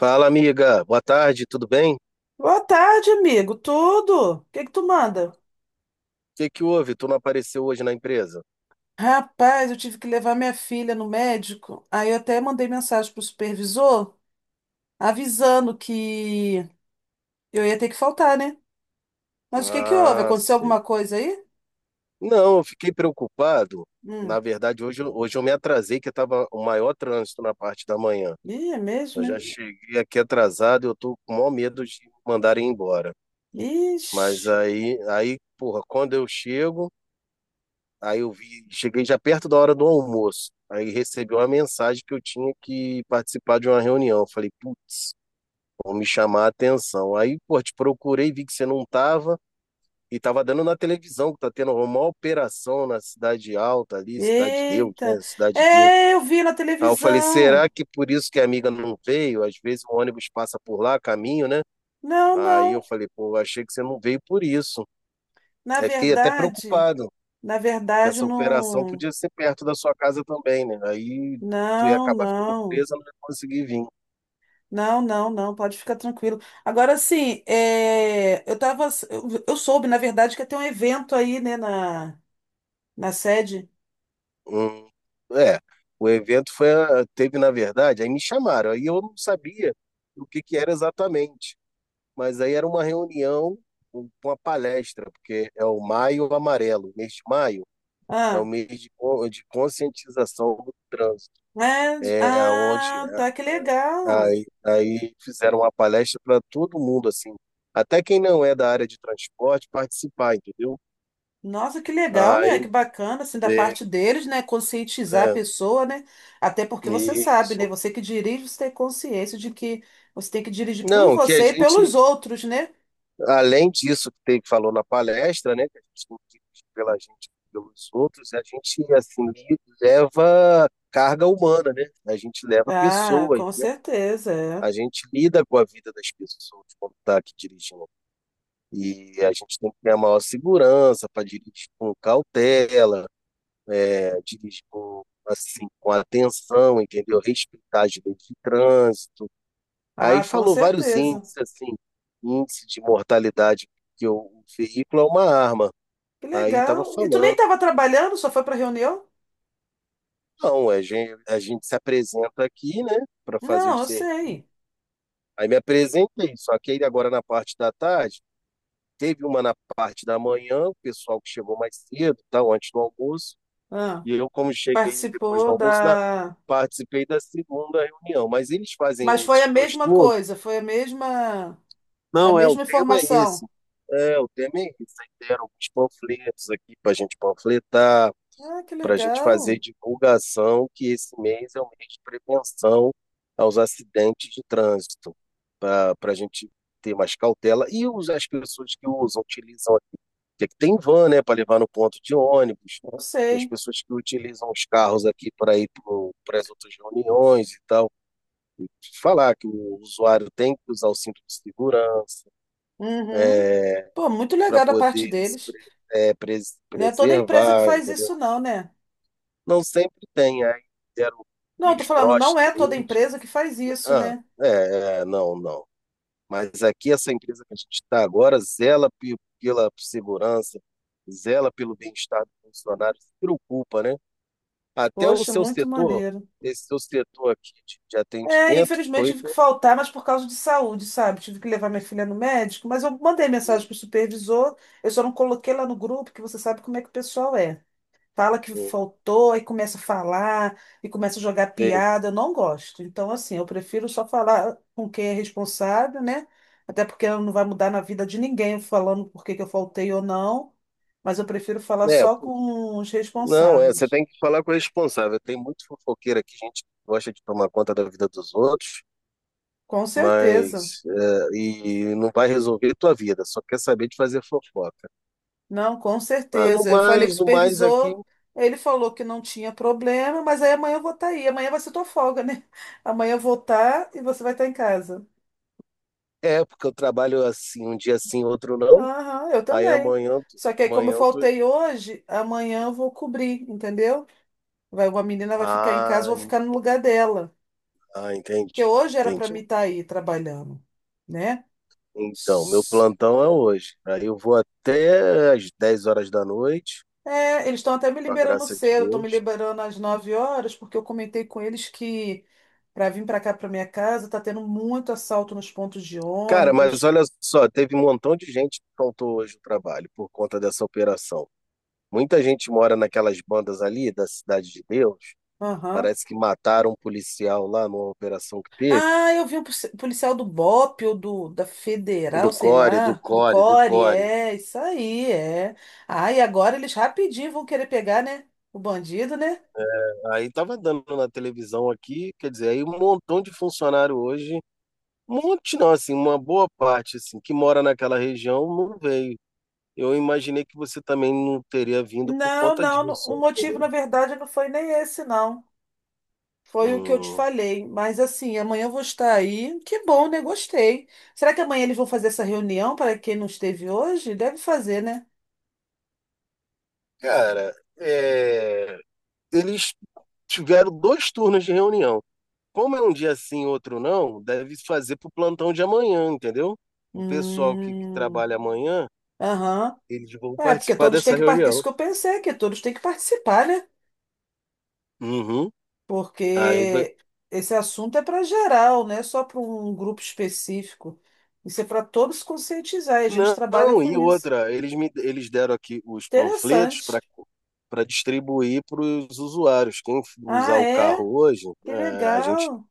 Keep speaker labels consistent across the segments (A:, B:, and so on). A: Fala, amiga. Boa tarde, tudo bem? O
B: Boa tarde, amigo. Tudo? O que que tu manda?
A: que que houve? Tu não apareceu hoje na empresa?
B: Rapaz, eu tive que levar minha filha no médico. Aí eu até mandei mensagem pro supervisor avisando que eu ia ter que faltar, né? Mas o que que houve?
A: Ah,
B: Aconteceu
A: sim.
B: alguma coisa aí?
A: Não, eu fiquei preocupado. Na
B: Hum.
A: verdade, hoje eu me atrasei, que estava o maior trânsito na parte da manhã.
B: Ih, é mesmo,
A: Eu já
B: né?
A: cheguei aqui atrasado, e eu tô com o maior medo de me mandarem embora.
B: Ixi.
A: Mas aí, porra, quando eu chego, aí eu vi, cheguei já perto da hora do almoço. Aí recebi uma mensagem que eu tinha que participar de uma reunião. Eu falei, putz. Vão me chamar a atenção. Aí, pô, te procurei, vi que você não tava e tava dando na televisão que tá tendo uma operação na Cidade Alta ali, Cidade de Deus, né?
B: Eita.
A: Cidade de Deus.
B: É, eu vi na
A: Aí eu falei, será
B: televisão.
A: que por isso que a amiga não veio? Às vezes o ônibus passa por lá, caminho, né?
B: Não,
A: Aí eu
B: não.
A: falei, pô, achei que você não veio por isso.
B: Na
A: Aí fiquei até
B: verdade,
A: preocupado,
B: na
A: que
B: verdade,
A: essa operação
B: não.
A: podia ser perto da sua casa também, né? Aí tu ia
B: Não,
A: acabar ficando
B: não.
A: presa, não ia conseguir vir.
B: Não, não, não, pode ficar tranquilo. Agora, assim, eu tava, eu soube, na verdade, que ia ter um evento aí, né, na sede.
A: Hum, é, o evento foi, teve, na verdade, aí me chamaram, aí eu não sabia o que que era exatamente, mas aí era uma reunião, uma palestra, porque é o Maio Amarelo, o mês de maio é o
B: Ah,
A: mês de conscientização do trânsito,
B: é,
A: é onde
B: ah,
A: é,
B: tá, que legal.
A: aí fizeram uma palestra para todo mundo, assim, até quem não é da área de transporte participar, entendeu?
B: Nossa, que legal, né? Que
A: Aí
B: bacana, assim, da
A: veio,
B: parte deles, né? Conscientizar a
A: é,
B: pessoa, né? Até porque você sabe, né?
A: isso.
B: Você que dirige, você tem consciência de que você tem que dirigir por
A: Não, que a
B: você e
A: gente
B: pelos outros, né?
A: além disso que teve que falou na palestra, né, que a gente tem pela gente pelos outros, a gente assim leva carga humana, né? A gente leva
B: Ah,
A: pessoas,
B: com
A: né?
B: certeza, é.
A: A gente lida com a vida das pessoas quando está aqui dirigindo. E a gente tem que ter a maior segurança para dirigir com cautela, né? Dirigir com, assim, com atenção, entendeu? Respeitar as leis de trânsito. Aí
B: Ah, com
A: falou vários
B: certeza.
A: índices, assim, índice de mortalidade, que o veículo é uma arma.
B: Que
A: Aí tava
B: legal. E tu nem
A: falando,
B: estava trabalhando, só foi para reunião?
A: não, a gente se apresenta aqui, né, para fazer
B: Não,
A: os
B: eu
A: serviços.
B: sei.
A: Aí me apresentei, só que aí agora na parte da tarde, teve uma na parte da manhã, o pessoal que chegou mais cedo, tal, antes do almoço,
B: Ah,
A: e eu, como cheguei depois do
B: participou
A: almoço,
B: da.
A: participei da segunda reunião. Mas eles
B: Mas
A: fazem
B: foi a
A: esses dois
B: mesma
A: turnos?
B: coisa, foi a
A: Não, é, o
B: mesma
A: tema é esse.
B: informação.
A: É, o tema é esse. Aí deram uns panfletos aqui para a gente panfletar,
B: Ah, que
A: para a gente fazer
B: legal.
A: divulgação que esse mês é o mês de prevenção aos acidentes de trânsito, para a gente ter mais cautela. E as pessoas que usam, utilizam aqui, que tem van, né, para levar no ponto de ônibus,
B: Eu
A: as
B: sei.
A: pessoas que utilizam os carros aqui para ir para as outras reuniões e tal, falar que o usuário tem que usar o cinto de segurança
B: Uhum. Pô, muito
A: para
B: legal da parte
A: poder se
B: deles.
A: pre, é, pres,
B: Não é toda empresa que
A: preservar,
B: faz
A: entendeu?
B: isso, não, né?
A: Não sempre tem, aí deram
B: Não, eu tô
A: uns
B: falando, não
A: broches.
B: é toda empresa que faz isso,
A: Ah,
B: né?
A: é, é, não, não. Mas aqui essa empresa que a gente está agora zela pela segurança, zela pelo bem-estar dos funcionários se preocupa, né? Até o
B: Poxa,
A: seu
B: muito
A: setor,
B: maneiro.
A: esse seu setor aqui de
B: É,
A: atendimento
B: infelizmente
A: foi
B: tive que
A: com-
B: faltar, mas por causa de saúde, sabe? Tive que levar minha filha no médico, mas eu mandei
A: hum,
B: mensagem pro supervisor, eu só não coloquei lá no grupo, que você sabe como é que o pessoal é. Fala que
A: hum,
B: faltou, aí começa a falar, e começa a jogar
A: tem-
B: piada, eu não gosto. Então, assim, eu prefiro só falar com quem é responsável, né? Até porque não vai mudar na vida de ninguém falando por que que eu faltei ou não, mas eu prefiro falar
A: é,
B: só
A: pô,
B: com os
A: não, você
B: responsáveis.
A: tem que falar com o responsável. Tem muito fofoqueiro aqui, gente que gosta de tomar conta da vida dos outros.
B: Com certeza.
A: Mas e não vai resolver tua vida, só quer saber de fazer fofoca.
B: Não, com
A: Mas no
B: certeza. Eu falei com
A: mais,
B: o
A: no mais aqui
B: supervisor, ele falou que não tinha problema, mas aí amanhã eu vou estar aí. Amanhã vai ser tua folga, né? Amanhã eu vou estar e você vai estar em casa.
A: é porque eu trabalho assim, um dia sim, outro não.
B: Aham, eu
A: Aí
B: também.
A: amanhã,
B: Só que aí, como eu
A: amanhã eu tô.
B: faltei hoje, amanhã eu vou cobrir, entendeu? Vai, uma menina vai ficar em casa, eu
A: Ah,
B: vou ficar no lugar dela.
A: ah,
B: Porque
A: entendi,
B: hoje era para
A: entendi.
B: mim estar aí trabalhando, né?
A: Então, meu plantão é hoje. Aí eu vou até às 10 horas da noite,
B: É, eles estão até me
A: com a
B: liberando
A: graça de
B: cedo, estão me
A: Deus.
B: liberando às 9 horas, porque eu comentei com eles que para vir para cá, para minha casa, tá tendo muito assalto nos pontos de
A: Cara, mas
B: ônibus.
A: olha só, teve um montão de gente que faltou hoje o trabalho por conta dessa operação. Muita gente mora naquelas bandas ali da Cidade de Deus.
B: Aham.
A: Parece que mataram um policial lá numa operação que teve.
B: Ah, eu vi um policial do BOP ou da
A: Do
B: Federal, sei
A: Core, do
B: lá, do
A: Core, do
B: CORE,
A: Core.
B: é, isso aí, é. Ah, e agora eles rapidinho vão querer pegar, né? O bandido, né?
A: Aí tava dando na televisão aqui, quer dizer, aí um montão de funcionário hoje, um monte não, assim, uma boa parte, assim, que mora naquela região não veio. Eu imaginei que você também não teria vindo por conta
B: Não,
A: disso.
B: o motivo, na verdade, não foi nem esse, não. Foi o que eu te
A: Hum,
B: falei. Mas assim, amanhã eu vou estar aí. Que bom, né? Gostei. Será que amanhã eles vão fazer essa reunião para quem não esteve hoje? Deve fazer, né?
A: Cara, eles tiveram dois turnos de reunião. Como é um dia sim, outro não, deve fazer para o plantão de amanhã, entendeu? O pessoal que
B: Hum.
A: trabalha amanhã,
B: Aham.
A: eles vão
B: É, porque
A: participar
B: todos têm
A: dessa
B: que participar.
A: reunião.
B: Isso que eu pensei, que todos têm que participar, né?
A: Uhum. Aí vai-
B: Porque esse assunto é para geral, não é só para um grupo específico. Isso é para todos conscientizar. E a gente trabalha
A: Não, e
B: com isso.
A: outra, eles deram aqui os panfletos
B: Interessante.
A: para distribuir para os usuários. Quem usar
B: Ah,
A: o
B: é?
A: carro hoje,
B: Que legal.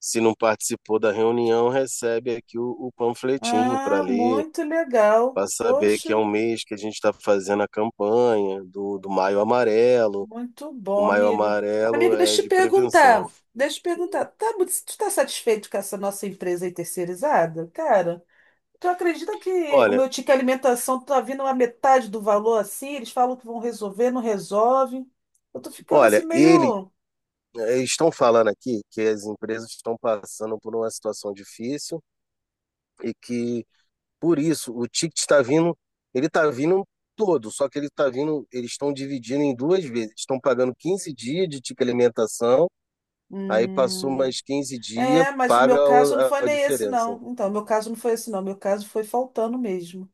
A: se não participou da reunião, recebe aqui o panfletinho para
B: Ah,
A: ler,
B: muito legal.
A: para saber que é um
B: Poxa.
A: mês que a gente está fazendo a campanha do Maio Amarelo.
B: Muito
A: O
B: bom,
A: Maio
B: amigo.
A: Amarelo
B: Amigo,
A: é
B: deixa eu te
A: de
B: perguntar.
A: prevenção.
B: Deixa eu te perguntar. Tu tá satisfeito com essa nossa empresa aí terceirizada? Cara, tu acredita que o
A: Olha,
B: meu ticket alimentação tá vindo a metade do valor assim? Eles falam que vão resolver, não resolve. Eu tô ficando assim
A: olha,
B: meio.
A: estão falando aqui que as empresas estão passando por uma situação difícil e que por isso o ticket está vindo, ele está vindo todo, só que ele está vindo, eles estão dividindo em duas vezes. Estão pagando 15 dias de ticket alimentação, aí passou
B: Hum,
A: mais 15 dias,
B: é, mas o
A: paga
B: meu caso não foi
A: a
B: nem esse,
A: diferença.
B: não. Então, o meu caso não foi esse, não. O meu caso foi faltando mesmo.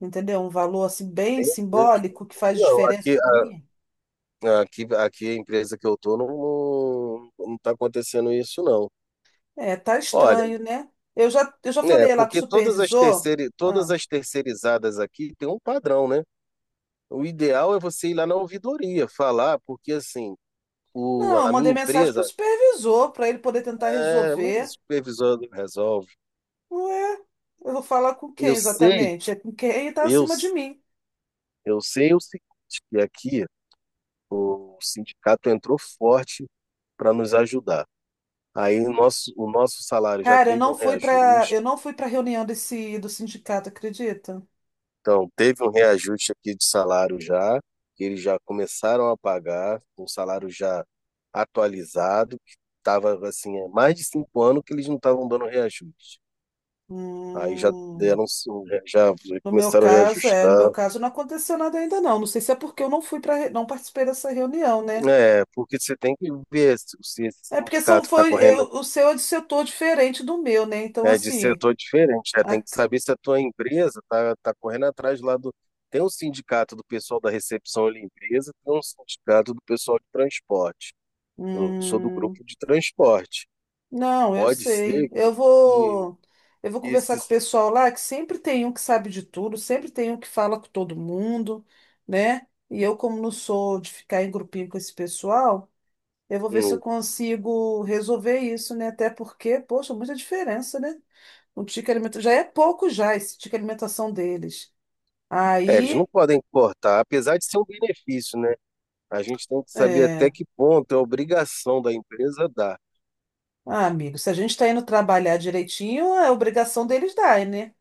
B: Entendeu? Um valor assim bem
A: Meu Deus.
B: simbólico que faz
A: Não,
B: diferença
A: aqui,
B: para mim.
A: aqui a empresa que eu tô não, não, não tá acontecendo isso, não.
B: É, tá
A: Olha,
B: estranho, né? Eu já
A: é,
B: falei lá com o
A: porque todas as
B: supervisor.
A: terceiri- todas
B: Ah,
A: as terceirizadas aqui têm um padrão, né? O ideal é você ir lá na ouvidoria falar, porque assim,
B: não, eu
A: a minha
B: mandei mensagem pro
A: empresa,
B: supervisor para ele poder tentar
A: mas o
B: resolver.
A: supervisor não resolve.
B: Ué, eu vou falar com quem
A: Eu sei,
B: exatamente? É com quem tá
A: eu,
B: acima de mim.
A: eu sei o seguinte, que aqui o sindicato entrou forte para nos ajudar. Aí o nosso salário já
B: Cara,
A: teve um reajuste.
B: eu não fui para reunião desse do sindicato, acredita?
A: Então, teve um reajuste aqui de salário já, que eles já começaram a pagar, um salário já atualizado, que estava assim, há mais de 5 anos que eles não estavam dando reajuste. Aí já
B: Hum,
A: deram, já começaram a
B: no meu
A: reajustar.
B: caso não aconteceu nada ainda não. Não sei se é porque eu não fui para não participei dessa reunião, né?
A: É, porque você tem que ver se esse
B: É porque são
A: sindicato está
B: foi
A: correndo,
B: eu- O seu é de setor diferente do meu, né? Então
A: é, de
B: assim,
A: setor diferente, né? Tem que saber se a tua empresa está tá tá correndo atrás lá do. Tem um sindicato do pessoal da recepção e limpeza, tem um sindicato do pessoal de transporte. Eu sou do
B: hum,
A: grupo de transporte.
B: não, eu
A: Pode
B: sei.
A: ser que, que
B: Eu vou conversar com o
A: esses.
B: pessoal lá, que sempre tem um que sabe de tudo, sempre tem um que fala com todo mundo, né? E eu, como não sou de ficar em grupinho com esse pessoal, eu vou ver se eu
A: hum,
B: consigo resolver isso, né? Até porque, poxa, muita diferença, né? Um ticket alimentação já é pouco Já esse ticket alimentação deles.
A: Eles não
B: Aí,
A: podem cortar, apesar de ser um benefício, né? A gente tem que saber
B: é...
A: até que ponto é obrigação da empresa dar.
B: ah, amigo, se a gente está indo trabalhar direitinho, é obrigação deles dar, né?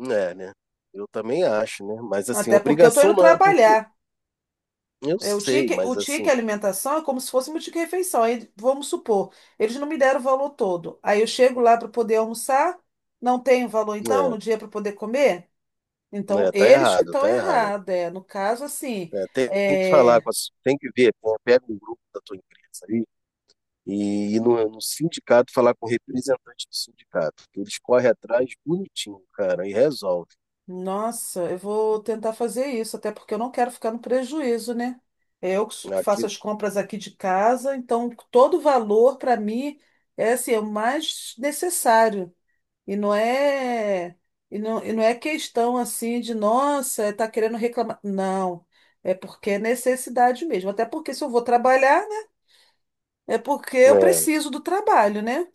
A: É, né? Eu também acho, né? Mas assim,
B: Até porque eu tô
A: obrigação
B: indo
A: não é porque.
B: trabalhar.
A: Eu
B: O
A: sei,
B: ticket, o
A: mas assim,
B: ticket alimentação é como se fosse meu ticket refeição. Aí, vamos supor, eles não me deram o valor todo. Aí eu chego lá para poder almoçar, não tenho valor então
A: né,
B: no dia para poder comer? Então,
A: né? Tá
B: eles que
A: errado,
B: estão
A: tá errado.
B: errados. É. No caso, assim,
A: É, tem que falar
B: é,
A: tem que ver, pô, pega um grupo da tua empresa aí e ir no sindicato falar com o representante do sindicato, que eles correm atrás bonitinho, cara, e resolve.
B: nossa, eu vou tentar fazer isso, até porque eu não quero ficar no prejuízo, né? Que
A: Aqui,
B: faço as compras aqui de casa, então todo valor para mim é assim, é o mais necessário. E não é, e não é questão assim de, nossa, tá querendo reclamar. Não, é porque é necessidade mesmo. Até porque se eu vou trabalhar, né? É porque eu
A: é,
B: preciso do trabalho, né?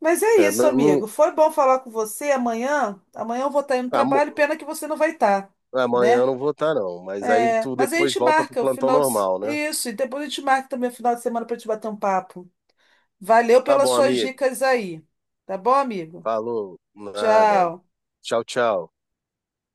B: Mas é
A: é,
B: isso,
A: não, não-
B: amigo. Foi bom falar com você amanhã. Amanhã eu vou estar indo no
A: amo-
B: trabalho, pena que você não vai estar,
A: amanhã eu
B: né?
A: não vou estar, não, mas aí
B: É,
A: tu
B: mas a
A: depois
B: gente
A: volta pro
B: marca o
A: plantão
B: final de...
A: normal, né?
B: Isso, e depois a gente marca também o final de semana para te bater um papo. Valeu
A: Tá
B: pelas
A: bom,
B: suas
A: amigo.
B: dicas aí. Tá bom, amigo?
A: Falou, nada.
B: Tchau.
A: Tchau, tchau.